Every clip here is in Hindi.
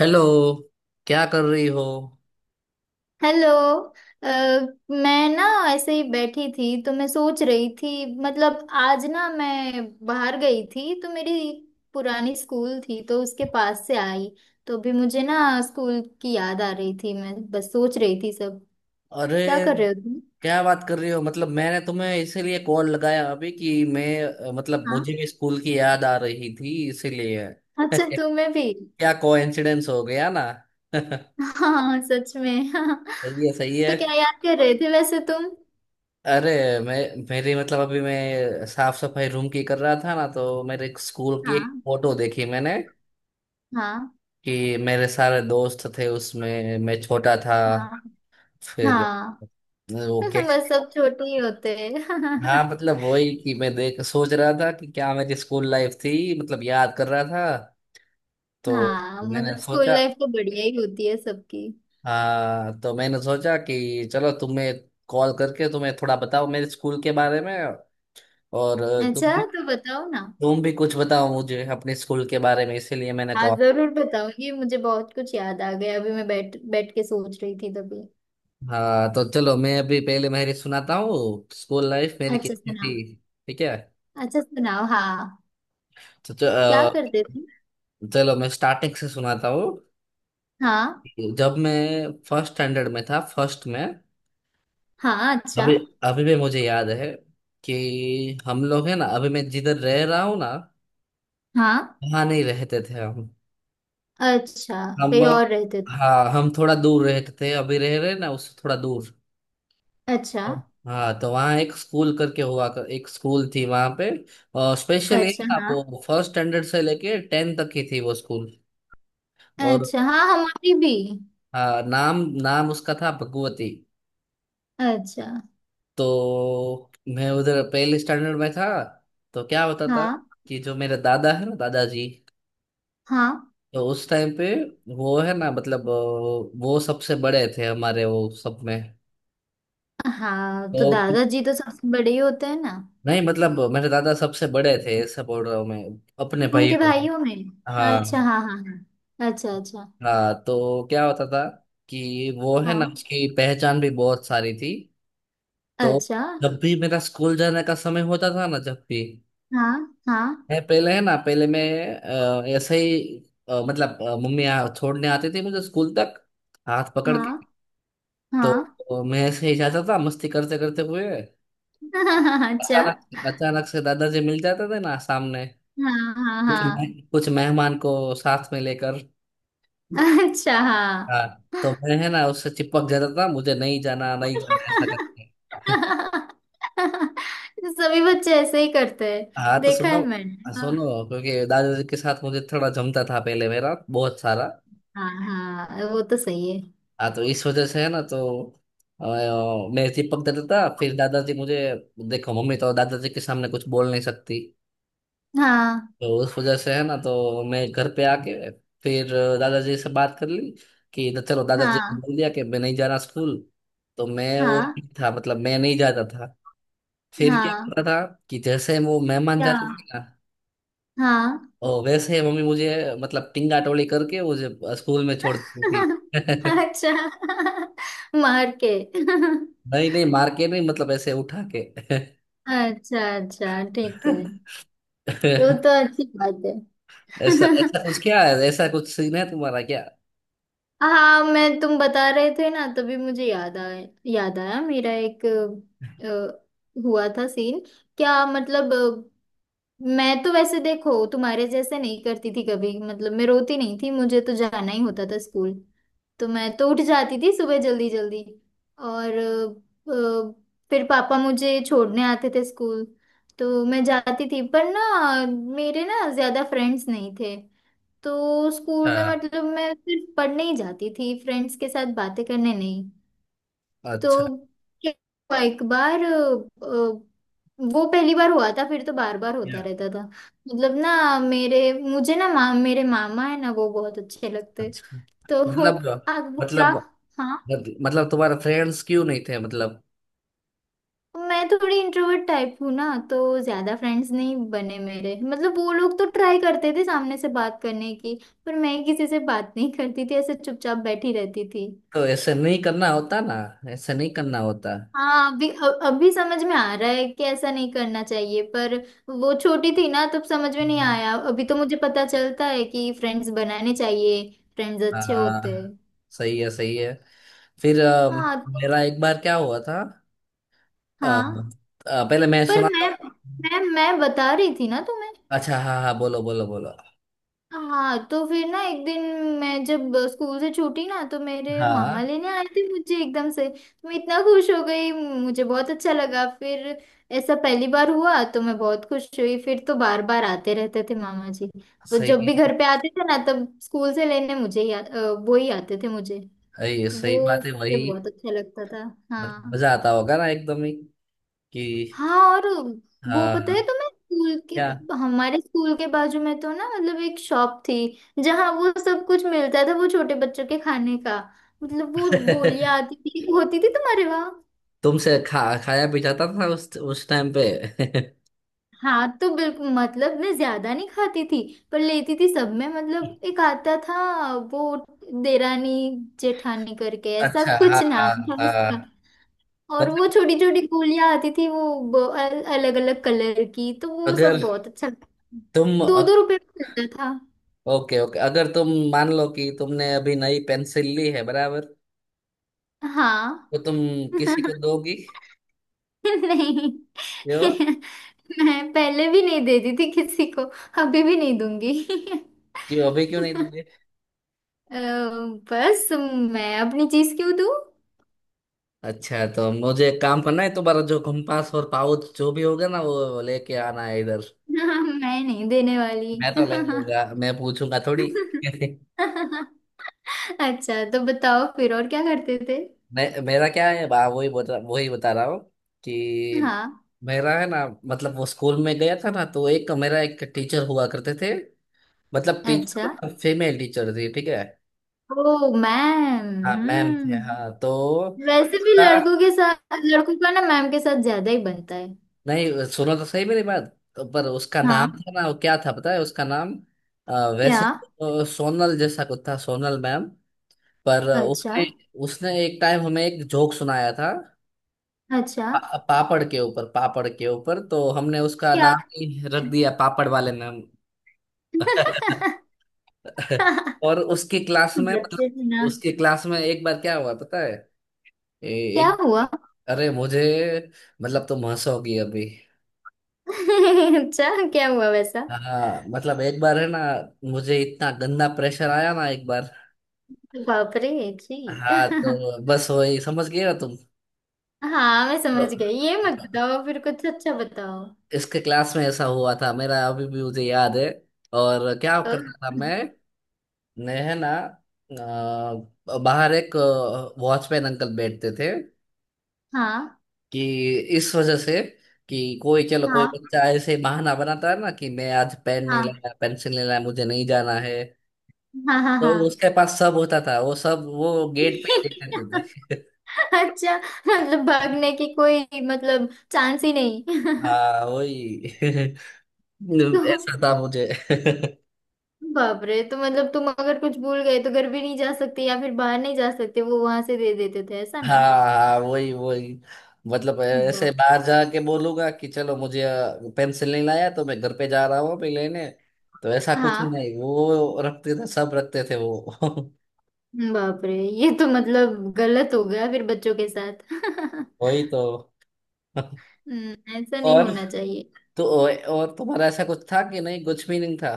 हेलो। क्या कर रही हो? हेलो। अ, मैं ना ऐसे ही बैठी थी तो मैं सोच रही थी। मतलब आज ना मैं बाहर गई थी तो मेरी पुरानी स्कूल थी तो उसके पास से आई। तो अभी मुझे ना स्कूल की याद आ रही थी, मैं बस सोच रही थी सब। अरे क्या कर रहे हो तुम? क्या बात कर रही हो, मतलब मैंने तुम्हें इसीलिए कॉल लगाया अभी कि मैं मतलब हाँ। मुझे भी स्कूल की याद आ रही थी इसीलिए अच्छा, तुम्हें भी? क्या कोइंसिडेंस हो गया ना। सही हाँ सच में, हाँ। है, सही है। तो क्या याद कर रहे थे वैसे तुम? अरे मैं मेरी मतलब अभी मैं साफ सफाई रूम की कर रहा था ना, तो मेरे स्कूल की एक हाँ फोटो देखी मैंने हाँ कि मेरे सारे दोस्त थे उसमें, मैं छोटा था। हाँ फिर हाँ वो बस सब छोटे ही होते हाँ हैं। मतलब वही कि मैं देख सोच रहा था कि क्या मेरी स्कूल लाइफ थी, मतलब याद कर रहा था। तो हाँ मैंने मतलब स्कूल सोचा, लाइफ तो बढ़िया ही होती है सबकी। हाँ तो मैंने सोचा कि चलो तुम्हें कॉल करके तुम्हें थोड़ा बताओ मेरे स्कूल के बारे में, और अच्छा तुम भी तो बताओ ना। तुम भी कुछ बताओ मुझे अपने स्कूल के बारे में इसीलिए मैंने हाँ कॉल। जरूर बताओ, ये मुझे बहुत कुछ याद आ गया। अभी मैं बैठ बैठ के सोच रही थी तभी। हाँ तो चलो मैं अभी पहले मेरी सुनाता हूँ स्कूल लाइफ मेरी अच्छा कैसी सुनाओ। थी। ठीक है। अच्छा सुनाओ हाँ। तो क्या करते थे? चलो मैं स्टार्टिंग से सुनाता हूँ। हाँ जब मैं फर्स्ट स्टैंडर्ड में था, फर्स्ट में। हाँ। अच्छा अभी अभी भी मुझे याद है कि हम लोग है ना, अभी मैं जिधर रह रहा हूँ ना, हाँ। वहाँ नहीं रहते थे हम। अच्छा। हम कहीं और रहते थे? हाँ हम थोड़ा दूर रहते थे, अभी रह रहे ना उससे थोड़ा दूर। अच्छा। हाँ तो वहाँ एक स्कूल करके हुआ एक स्कूल थी वहाँ पे। और स्पेशली अच्छा ना हाँ। वो फर्स्ट स्टैंडर्ड से लेके टेन तक की थी वो स्कूल। और अच्छा हाँ हमारी भी। हाँ नाम नाम उसका था भगवती। अच्छा। तो मैं उधर पहले स्टैंडर्ड में था, तो क्या होता था हाँ कि जो मेरे दादा है ना, दादाजी, हाँ तो उस टाइम पे वो है ना मतलब वो सबसे बड़े थे हमारे वो सब में। हाँ। तो तो दादाजी तो सबसे बड़े ही होते हैं ना? नहीं मतलब मेरे दादा सबसे बड़े थे ऐसा बोल रहा हूँ मैं अपने उनके भाइयों में। भाइयों में? हाँ। अच्छा हाँ हाँ। हाँ अच्छा अच्छा। हाँ तो क्या होता था कि वो है ना हाँ। उसकी पहचान भी बहुत सारी थी। तो अच्छा। जब भी मेरा स्कूल जाने का समय होता था ना, जब भी हाँ हाँ मैं पहले है ना, पहले मैं ऐसे ही मतलब मम्मी छोड़ने आती थी मुझे स्कूल तक, हाथ पकड़ हाँ। के। हाँ तो मैं ऐसे ही जाता था मस्ती करते करते हुए। अच्छा। अचानक अचानक से दादाजी मिल जाते थे ना सामने, हाँ हाँ हाँ। कुछ मेहमान को साथ में लेकर। अच्छा हाँ। हाँ तो मैं है ना उससे चिपक जाता था, मुझे नहीं जाना नहीं जाना ऐसा करके। सभी बच्चे ऐसे ही करते हैं, हाँ तो देखा सुनो, है मैंने। हाँ, हाँ। सुनो क्योंकि दादाजी के साथ मुझे थोड़ा जमता था पहले, मेरा बहुत सारा। हाँ हाँ, वो तो सही है। हाँ तो इस वजह से है ना, तो अ, मैं चिपक जाता था फिर दादाजी मुझे, देखो मम्मी तो दादाजी के सामने कुछ बोल नहीं सकती। हाँ तो उस वजह से है ना, तो मैं घर पे आके फिर दादाजी से बात कर ली कि, तो चलो दादाजी ने हाँ। बोल दिया कि मैं नहीं जा रहा स्कूल। तो मैं वो हाँ। नहीं था, मतलब मैं नहीं जाता था। फिर क्या हाँ होता था कि जैसे वो मेहमान जाते थे हाँ ना, हाँ। और वैसे ही मम्मी मुझे, मतलब टिंगा टोली करके मुझे स्कूल में छोड़ देती थी। अच्छा मार के नहीं नहीं मार के नहीं, मतलब ऐसे उठा के। अच्छा अच्छा ठीक है। वो तो अच्छी बात है। ऐसा ऐसा कुछ क्या है, ऐसा कुछ सीन है तुम्हारा क्या? हाँ मैं, तुम बता रहे थे ना तभी मुझे याद आया, याद आया मेरा एक हुआ था सीन। क्या मतलब, मैं तो वैसे देखो तुम्हारे जैसे नहीं करती थी कभी। मतलब मैं रोती नहीं थी, मुझे तो जाना ही होता था स्कूल। तो मैं तो उठ जाती थी सुबह जल्दी जल्दी। और फिर पापा मुझे छोड़ने आते थे स्कूल। तो मैं जाती थी पर ना मेरे ना ज्यादा फ्रेंड्स नहीं थे। तो स्कूल में हाँ मतलब मैं सिर्फ पढ़ने ही जाती थी, फ्रेंड्स के साथ बातें करने नहीं। अच्छा तो क्या हुआ, एक बार अ, वो पहली बार हुआ था फिर तो बार बार होता या, रहता था। मतलब ना मेरे मुझे ना माम मेरे मामा है ना, वो बहुत अच्छे लगते। अच्छा तो तो मतलब, आप वो क्या? मतलब हाँ। मतलब तुम्हारे फ्रेंड्स क्यों नहीं थे, मतलब? मैं थोड़ी इंट्रोवर्ट टाइप हूँ ना। तो ज्यादा फ्रेंड्स नहीं बने मेरे। मतलब वो लोग तो ट्राई करते थे सामने से बात करने की, पर मैं किसी से बात नहीं करती थी, ऐसे चुपचाप बैठी रहती थी। तो ऐसे नहीं करना होता ना, ऐसे नहीं करना होता। हाँ अभी अभी समझ में आ रहा है कि ऐसा नहीं करना चाहिए, पर वो छोटी थी ना तब समझ में नहीं हाँ। आया। अभी तो मुझे पता चलता है कि फ्रेंड्स बनाने चाहिए, फ्रेंड्स अच्छे होते हाँ हैं। सही है, सही है। फिर हाँ तो मेरा एक बार क्या हुआ था। अ, हाँ, पहले मैं पर सुनाता मैं हूँ। मैं मैं बता रही थी ना तुम्हें। अच्छा हाँ हाँ, बोलो बोलो बोलो। हाँ तो फिर ना एक दिन मैं जब स्कूल से छूटी ना तो मेरे हाँ मामा लेने आए थे मुझे एकदम से, तो मैं इतना खुश हो गई, मुझे बहुत अच्छा लगा फिर। ऐसा पहली बार हुआ तो मैं बहुत खुश हुई, फिर तो बार बार आते रहते थे मामा जी। वो जब सही भी घर पे आते थे ना तब स्कूल से लेने मुझे ही वो ही आते थे मुझे। है, ये तो सही वो बात है मुझे वही। बहुत अच्छा लगता था। मतलब हाँ। मजा आता होगा ना एकदम ही कि। हाँ और वो पता हाँ है तुम्हें स्कूल क्या। के, हमारे स्कूल के बाजू में तो ना मतलब एक शॉप थी जहाँ वो सब कुछ मिलता था, वो छोटे बच्चों के खाने का। मतलब वो गोलियां आती थी, होती थी तुम्हारे वहाँ? तुमसे खा खाया भी जाता था उस टाइम पे। हाँ तो बिल्कुल, मतलब मैं ज्यादा नहीं खाती थी पर लेती थी सब में। मतलब एक आता था वो देरानी जेठानी करके, ऐसा अच्छा हाँ कुछ हाँ नाम था हाँ उसका। और वो मतलब छोटी छोटी गोलियां आती थी वो, अलग अलग कलर की, तो वो सब अगर बहुत अच्छा लगता तुम, था। दो दो रुपए में मिलता था। ओके ओके, अगर तुम मान लो कि तुमने अभी नई पेंसिल ली है बराबर, हाँ। तो तुम किसी को दोगी? नहीं। क्यों? मैं पहले भी नहीं देती थी किसी को, अभी भी नहीं दूंगी। क्यों अभी क्यों नहीं दोगे? अ, बस मैं अपनी चीज क्यों दूं? अच्छा तो मुझे एक काम करना है, तुम्हारा जो कंपास और पाउच जो भी होगा ना वो लेके आना है इधर। मैं नहीं देने वाली। मैं तो ले लूंगा, मैं पूछूंगा थोड़ी। अच्छा तो बताओ फिर और क्या करते थे। मैं मेरा क्या है बा वही बता रहा हूँ कि। हाँ। मेरा है ना मतलब वो स्कूल में गया था ना, तो एक मेरा एक टीचर हुआ करते थे, मतलब टीचर अच्छा। मतलब फीमेल टीचर थी ठीक है। Oh ma'am. हाँ मैम थे हाँ हम्म। तो वैसे भी उसका, लड़कों के साथ, लड़कों का ना मैम के साथ ज्यादा ही बनता है। नहीं सुनो तो सही मेरी बात। तो पर उसका नाम हाँ। था ना, वो क्या था पता है उसका नाम? अ, क्या? वैसे तो सोनल जैसा कुछ था, सोनल मैम। पर अच्छा। उसने, उसने एक टाइम हमें एक जोक सुनाया था, अच्छा। पापड़ के ऊपर, पापड़ के ऊपर, तो हमने उसका क्या? नाम ही रख दिया पापड़ वाले मैम। और उसकी क्लास में बच्चे थे मतलब ना। उसकी क्लास में एक बार क्या हुआ पता है? ए, क्या एक, हुआ? अरे मुझे, मतलब तुम हंसोगी अभी। अच्छा क्या हुआ वैसा? हाँ मतलब एक बार है ना, मुझे इतना गंदा प्रेशर आया ना एक बार। बाप रे। जी। हाँ तो बस वही समझ गए ना तुम। हाँ मैं तो समझ गई, ये मत बताओ, फिर कुछ अच्छा बताओ। इसके क्लास में ऐसा हुआ था मेरा, अभी भी मुझे याद है। और क्या तो करता था मैं है ना बाहर एक वॉचमैन अंकल बैठते थे हाँ कि, इस वजह से कि कोई चलो कोई हाँ बच्चा ऐसे बहाना बनाता है ना कि मैं आज पेन नहीं हाँ। लाया पेंसिल नहीं लाया मुझे नहीं जाना है, हाँ हाँ तो हाँ। उसके पास सब होता था वो, सब वो गेट पे ही देखते थे। अच्छा। मतलब भागने की कोई, मतलब चांस ही नहीं? हाँ वही। तो ऐसा था मुझे। बाप रे, तो मतलब तुम अगर कुछ भूल गए तो घर भी नहीं जा सकते या फिर बाहर नहीं जा सकते, वो वहां से दे देते थे, ऐसा हाँ ना? हाँ वही वही, मतलब ऐसे बाप। बाहर जाके बोलूंगा कि चलो मुझे पेंसिल नहीं लाया तो मैं घर पे जा रहा हूँ अभी लेने, तो ऐसा कुछ हाँ। नहीं वो रखते थे, सब रखते थे वो। बाप रे। ये तो मतलब गलत हो गया फिर बच्चों के साथ। वही तो। ऐसा नहीं और होना चाहिए। तो और तुम्हारा ऐसा कुछ था कि नहीं, कुछ भी नहीं था।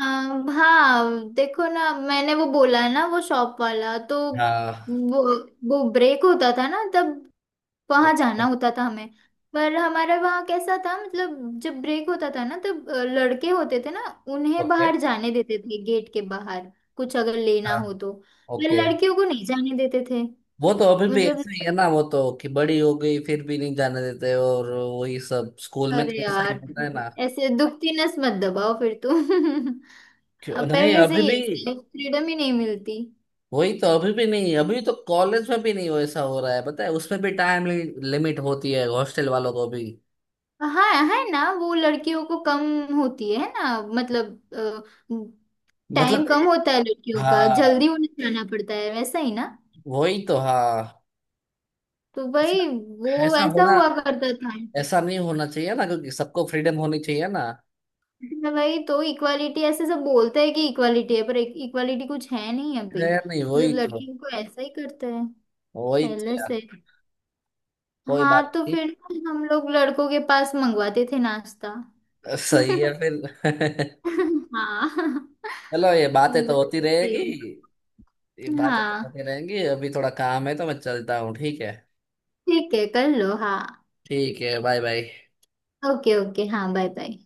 हाँ हाँ, देखो ना, मैंने वो बोला ना वो शॉप वाला, तो हाँ वो वो ब्रेक होता था ना तब ओ- वहां जाना ओ- होता था हमें। पर हमारा वहाँ कैसा था, मतलब जब ब्रेक होता था ना तब लड़के होते थे ना, उन्हें ओके। बाहर जाने देते थे गेट के बाहर, कुछ अगर लेना हाँ हो तो, पर ओके लड़कियों को नहीं जाने देते थे। वो तो अभी भी मतलब ऐसा ही है ना, वो तो कि बड़ी हो गई फिर भी नहीं जाने देते और वही सब, स्कूल में अरे तो ऐसा ही यार, होता है ना। ऐसे दुखती नस मत दबाओ फिर तुम। अब नहीं पहले से अभी ही भी, ऐसे फ्रीडम ही नहीं मिलती। वही तो अभी भी नहीं, अभी तो कॉलेज में भी नहीं, वो ऐसा हो रहा है पता है, उसमें भी टाइम लिमिट होती है हॉस्टल वालों को भी। हाँ है ना, वो लड़कियों को कम होती है ना, मतलब मतलब टाइम कम होता है लड़कियों का, जल्दी हाँ उन्हें जाना पड़ता है, वैसा ही ना। वही तो हाँ। तो ऐसा भाई वो ऐसा ऐसा होना, हुआ करता था। ऐसा नहीं होना चाहिए ना, क्योंकि सबको फ्रीडम होनी चाहिए ना। तो भाई, तो इक्वालिटी ऐसे सब बोलते हैं कि इक्वालिटी है, पर इक्वालिटी कुछ है नहीं अभी, खैर नहीं मतलब वही तो, लड़कियों को ऐसा ही करते हैं वही तो पहले यार, से। कोई बात हाँ तो नहीं। फिर हम लोग लड़कों के पास मंगवाते थे नाश्ता। सही है फिर। हाँ। चलो ये तुम बातें तो होती बताते। रहेगी। ये बातें तो होती हाँ रहेंगी, अभी थोड़ा काम है तो मैं चलता हूँ, ठीक है। ठीक है, कर लो हाँ। ठीक है, बाय बाय। ओके ओके हाँ बाय बाय।